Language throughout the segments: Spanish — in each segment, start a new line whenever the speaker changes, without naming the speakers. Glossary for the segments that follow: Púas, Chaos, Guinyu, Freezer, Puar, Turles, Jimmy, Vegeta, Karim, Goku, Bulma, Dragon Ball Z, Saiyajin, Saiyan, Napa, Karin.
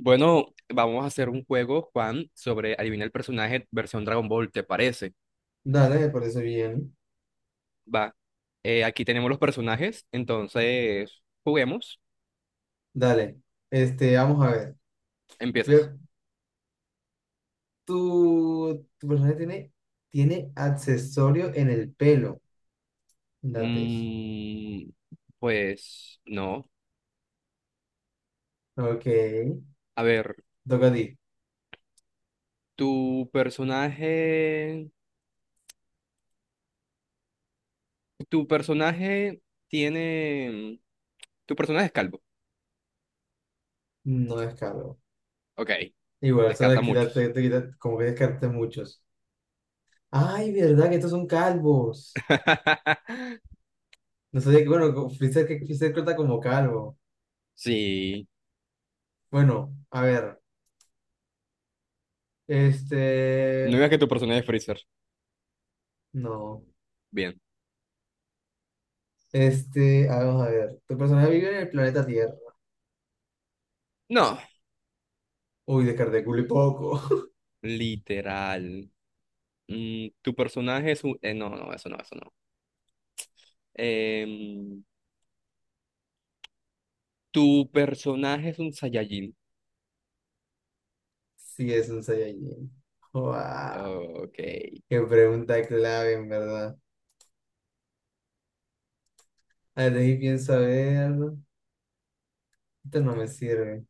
Bueno, vamos a hacer un juego, Juan, sobre adivina el personaje versión Dragon Ball, ¿te parece?
Dale, me parece bien.
Va. Aquí tenemos los personajes, entonces juguemos.
Dale. Vamos a ver.
Empiezas.
Ve- tu personaje tiene accesorio en el pelo. Date eso.
Mm, pues no.
Ok.
A ver,
Toca a ti.
tu personaje, tu personaje tiene, tu personaje es calvo.
No es calvo.
Ok,
Igual, solo
descarta
te quitarte,
muchos.
como que descarte muchos. Ay, verdad que estos son calvos. No sabía que, bueno, Freezer, que Freezer cuenta como calvo.
Sí,
Bueno, a ver.
no
Este.
digas que tu personaje es Freezer.
No.
Bien.
Vamos a ver. Tu personaje vive en el planeta Tierra.
No,
Uy, descarté culo y poco.
literal. Mm, tu personaje es un... eso no, eso no. Em, tu personaje es un Saiyajin.
Sí, es un Saiyajin. ¡Guau!
Ok,
Qué pregunta clave, en verdad. A ver, de ahí pienso, a ver. Esto no me sirve.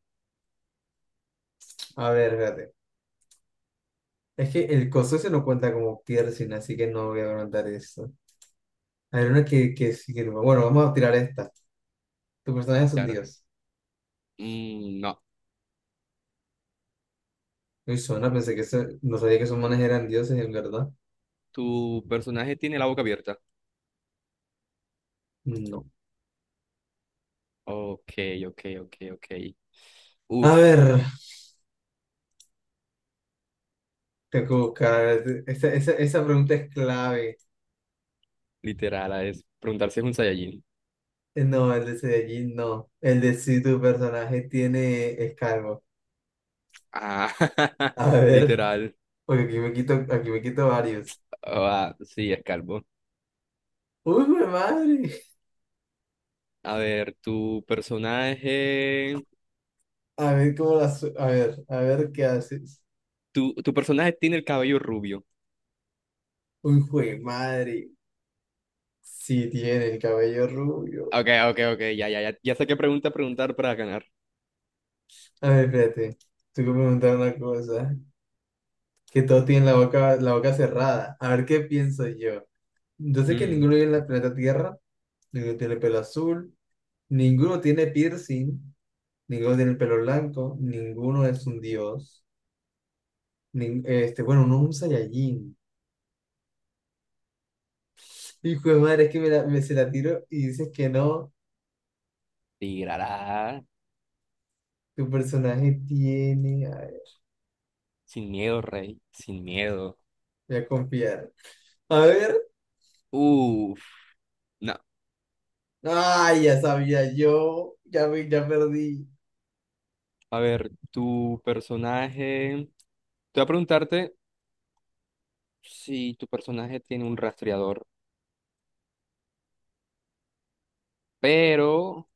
A ver, espérate. Es que el coso ese no cuenta como piercing, así que no voy a preguntar eso. A ver, una sí que bueno, vamos a tirar esta. Tu personaje es un
claro.
dios.
Mm, no,
Uy, suena, no sabía que esos manes eran dioses, en verdad.
tu personaje tiene la boca abierta.
No.
Ok, ok, ok, ok.
A
Uf,
ver, tengo que buscar. Esa pregunta es clave.
literal, es preguntar si es un Saiyajin.
No, el de Saiyajin no. El de si tu personaje tiene escargo.
Ah,
A ver,
literal.
porque aquí me quito varios.
Ah, sí, es calvo.
¡Uy, jue madre!
A ver, tu personaje...
A ver cómo las. A ver qué haces.
Tu personaje tiene el cabello rubio.
¡Uy, jue madre! Si el cabello rubio.
Ok, ok, ok, ya, ya, ya, ya sé qué pregunta preguntar para ganar.
A ver, espérate. Tengo que preguntar una cosa. Que todos tienen la boca cerrada. A ver qué pienso yo. Yo sé que
Mm.
ninguno vive en la planeta Tierra. Ninguno tiene pelo azul. Ninguno tiene piercing. Ninguno tiene el pelo blanco. Ninguno es un dios. Bueno, no es un Saiyajin. Hijo de madre, es que me se la tiro y dices que no.
Tirará
Tu personaje tiene.
sin miedo, rey, sin miedo.
Voy a confiar. A ver.
Uf, no.
Ay, ya sabía yo. Ya, ya perdí.
A ver, tu personaje. Te voy a preguntarte si tu personaje tiene un rastreador, pero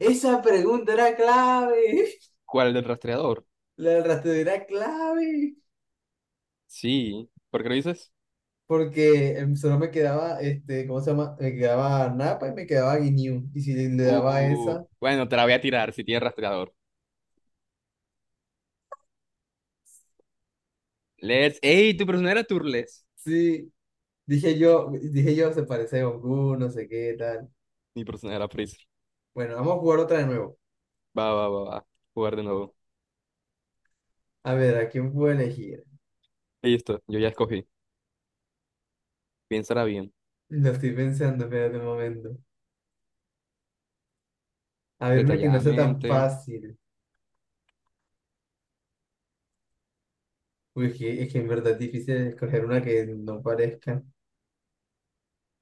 Esa pregunta era clave.
¿cuál es el rastreador?
La del rastreo era clave.
Sí, ¿por qué lo dices?
Porque solo me quedaba, este, ¿cómo se llama? Me quedaba Napa y me quedaba Guinyu. Y si le daba a esa,
Bueno, te la voy a tirar si tiene rastreador. Let's. ¡Ey! Tu personaje era Turles.
sí. Dije yo, se parece a Goku, no sé qué tal.
Mi personaje era Freezer.
Bueno, vamos a jugar otra de nuevo.
Va, va, va, va. Jugar de nuevo.
A ver, ¿a quién puedo elegir?
Listo, yo ya escogí. Piénsala bien,
Lo estoy pensando, espérate un momento. A ver, una que no sea tan
detalladamente.
fácil. Uy, es que en verdad es difícil escoger una que no parezca.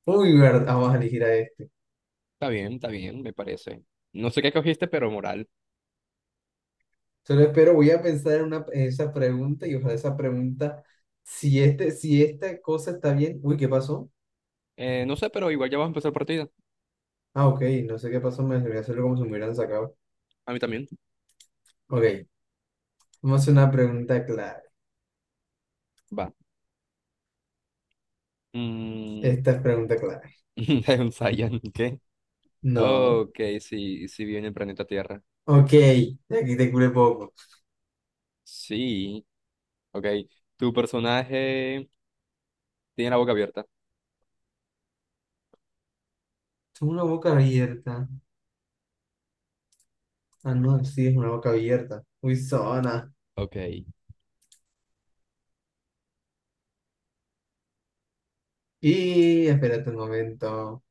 Uy, vamos a elegir a este.
Está bien, me parece. No sé qué cogiste, pero moral.
Solo espero, voy a pensar en, una, en esa pregunta y ojalá esa pregunta, si, este, si esta cosa está bien. Uy, ¿qué pasó?
No sé, pero igual ya vas a empezar partida.
Ah, ok, no sé qué pasó, me voy a hacerlo como si me hubieran sacado.
A mí también.
Ok, vamos a hacer una pregunta clave.
Va. Mm,
Esta es pregunta clave.
ensayan, ¿qué?
No.
Ok, sí, sí viene el planeta Tierra.
Ok, aquí te cure poco.
Sí, ok. Tu personaje tiene la boca abierta.
Tengo una boca abierta. Ah, no, sí, es una boca abierta. Muy zona.
Ok,
Y espérate un momento.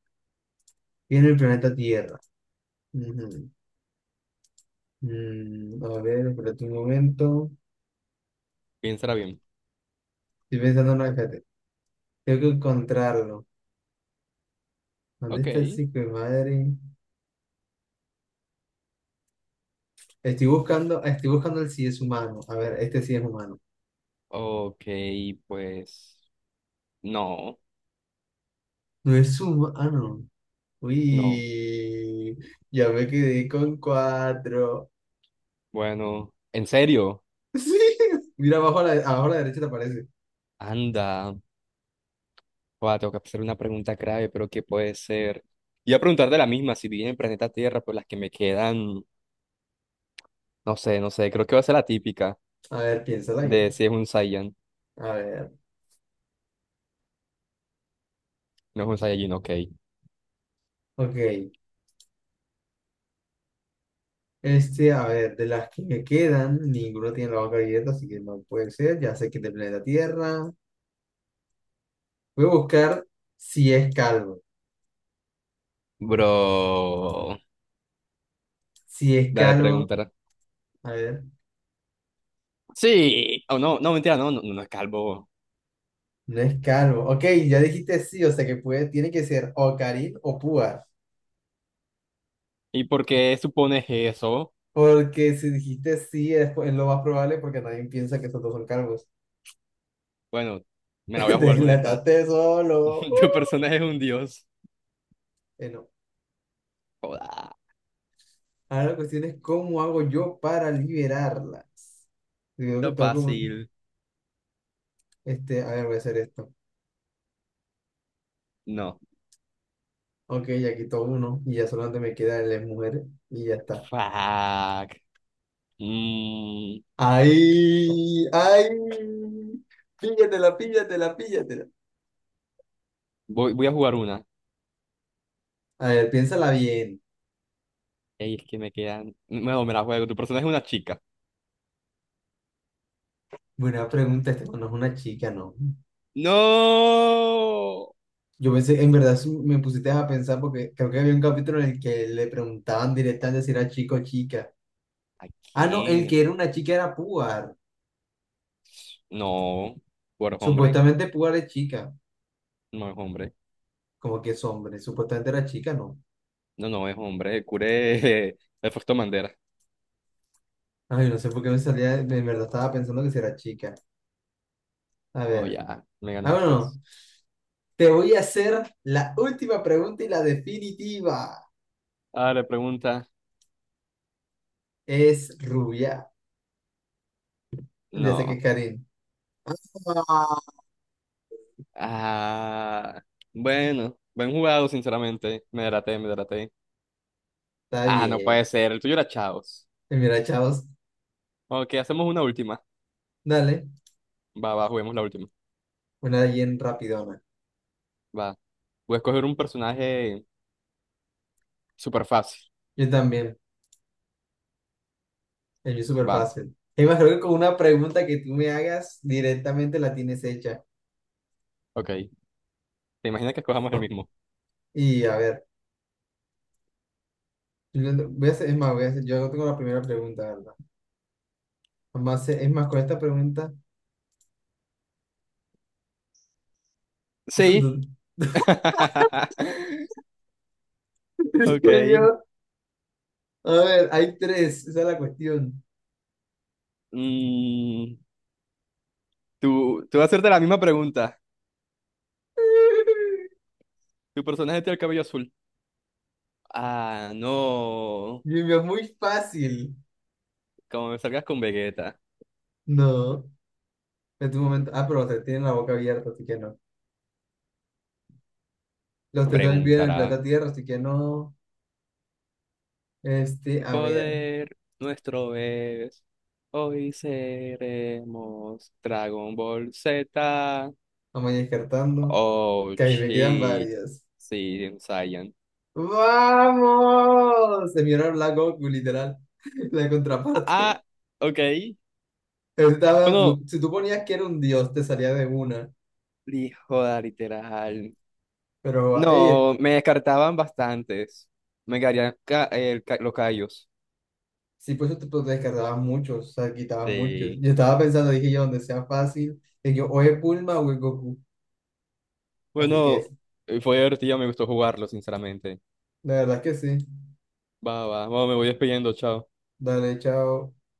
Viene el planeta Tierra. Ujú. A ver, espérate un momento.
piénsala bien.
Estoy pensando, no, espérate. Tengo que encontrarlo. ¿Dónde
Ok,
está el hijo de madre? Estoy buscando, ah, estoy buscando el si es humano. A ver, este sí es humano.
ok, pues... No,
No es humano.
no.
Uy, ya me quedé con cuatro.
Bueno, ¿en serio?
Sí. Mira, abajo a la derecha te aparece.
Anda. Guau, tengo que hacer una pregunta grave, ¿pero que puede ser? Iba a preguntar de la misma, si viví en el planeta Tierra, pues las que me quedan, no sé, no sé, creo que va a ser la típica
A ver, piénsala
de
bien.
si es un Saiyan,
A ver.
no es un Saiyajin, ok.
Ok. A ver, de las que me quedan, ninguna tiene la boca abierta, así que no puede ser. Ya sé que es del planeta Tierra. Voy a buscar si es calvo.
Bro,
Si es
dale,
calvo,
preguntar.
a ver,
Sí, o no, mentira, no no es calvo.
no es calvo. Ok, ya dijiste sí, o sea que puede, tiene que ser o Karim o Púas.
¿Y por qué supones eso?
Porque si dijiste sí, es lo más probable porque nadie piensa que esos dos son calvos.
Bueno, me la
Te
voy a jugar con esta.
Deslataste solo.
Tu personaje es un dios.
Bueno,
Joda,
ahora la cuestión es cómo hago yo para liberarla. Yo Tengo
está
que, tengo como-
fácil.
a ver, voy a hacer esto.
No.
Ok, ya quito uno y ya solamente me queda el de mujeres y ya está.
Fuck. Mm,
¡Ay! ¡Ay! Píllatela, píllatela, píllatela.
voy a jugar una.
A ver, piénsala bien.
Ey, es que me quedan. Bueno, me la juego. Tu personaje es una chica.
Buena pregunta, este no es una chica, ¿no?
¡No!
Yo pensé, en
So-
verdad sí me pusiste a pensar porque creo que había un capítulo en el que le preguntaban directamente si era chico o chica.
¿A
Ah, no, el que
quién?
era una chica era Puar.
No. Bueno, es hombre.
Supuestamente Puar es chica,
No es hombre.
como que es hombre. Supuestamente era chica, ¿no?
No, no es hombre. El curé. El Fausto Mandera.
Ay, no sé por qué me salía, en verdad estaba pensando que si era chica. A
Oh,
ver.
ya. Me
Ah,
ganaste.
bueno. Te voy a hacer la última pregunta y la definitiva.
Ah, le pregunta.
Es rubia. Ya sé que
No.
Karin. Ah,
Ah. Bueno. Buen jugado, sinceramente. Me delaté, me delaté.
está
Ah, no puede
bien.
ser. El tuyo era Chaos.
Y mira, chavos,
Ok, hacemos una última.
dale.
Va, va, juguemos la última.
Una bien rapidona.
Va. Voy a escoger un personaje súper fácil.
Yo también. El mío es súper
Va.
fácil. Imagino que con una pregunta que tú me hagas, directamente la tienes hecha.
Ok. ¿Te imaginas que escojamos el mismo?
Y a ver, yo no- voy a hacer, es más, voy a hacer, yo no tengo la primera pregunta, ¿verdad? Además, es más, con esta pregunta,
Sí.
¿dónde
Ok.
estoy yo? A ver, hay tres, esa es la cuestión.
Mm, tú vas a hacerte la misma pregunta. ¿Tu personaje tiene el cabello azul? Ah, no.
Jimmy, muy fácil.
Como me salgas con Vegeta,
No, en tu momento. Ah, pero se tienen la boca abierta, así que no. Los tres también viven en el
preguntará.
planeta Tierra, así que no.
El
A ver,
poder nuestro es. Hoy seremos Dragon Ball Z.
vamos a ir descartando.
Oh,
Que ahí me quedan
shit.
varias.
Sí, un Saiyan.
¡Vamos! Se miraron la Goku, literal. La contraparte.
Ah, ok.
Estaba,
Bueno,
si tú ponías que era un dios, te salía de una.
hijo de literal.
Pero, ey,
No, me descartaban bastantes. Me caerían ca- el ca- los callos.
si pues, te descartabas muchos, o sea, quitabas muchos.
Sí.
Yo estaba pensando, dije yo, donde sea fácil, dije yo, o es Bulma o es Goku. Así
Bueno,
que
fue divertido, me gustó jugarlo, sinceramente.
la verdad que sí.
Va, va, bueno, me voy despidiendo, chao.
Dale, chao.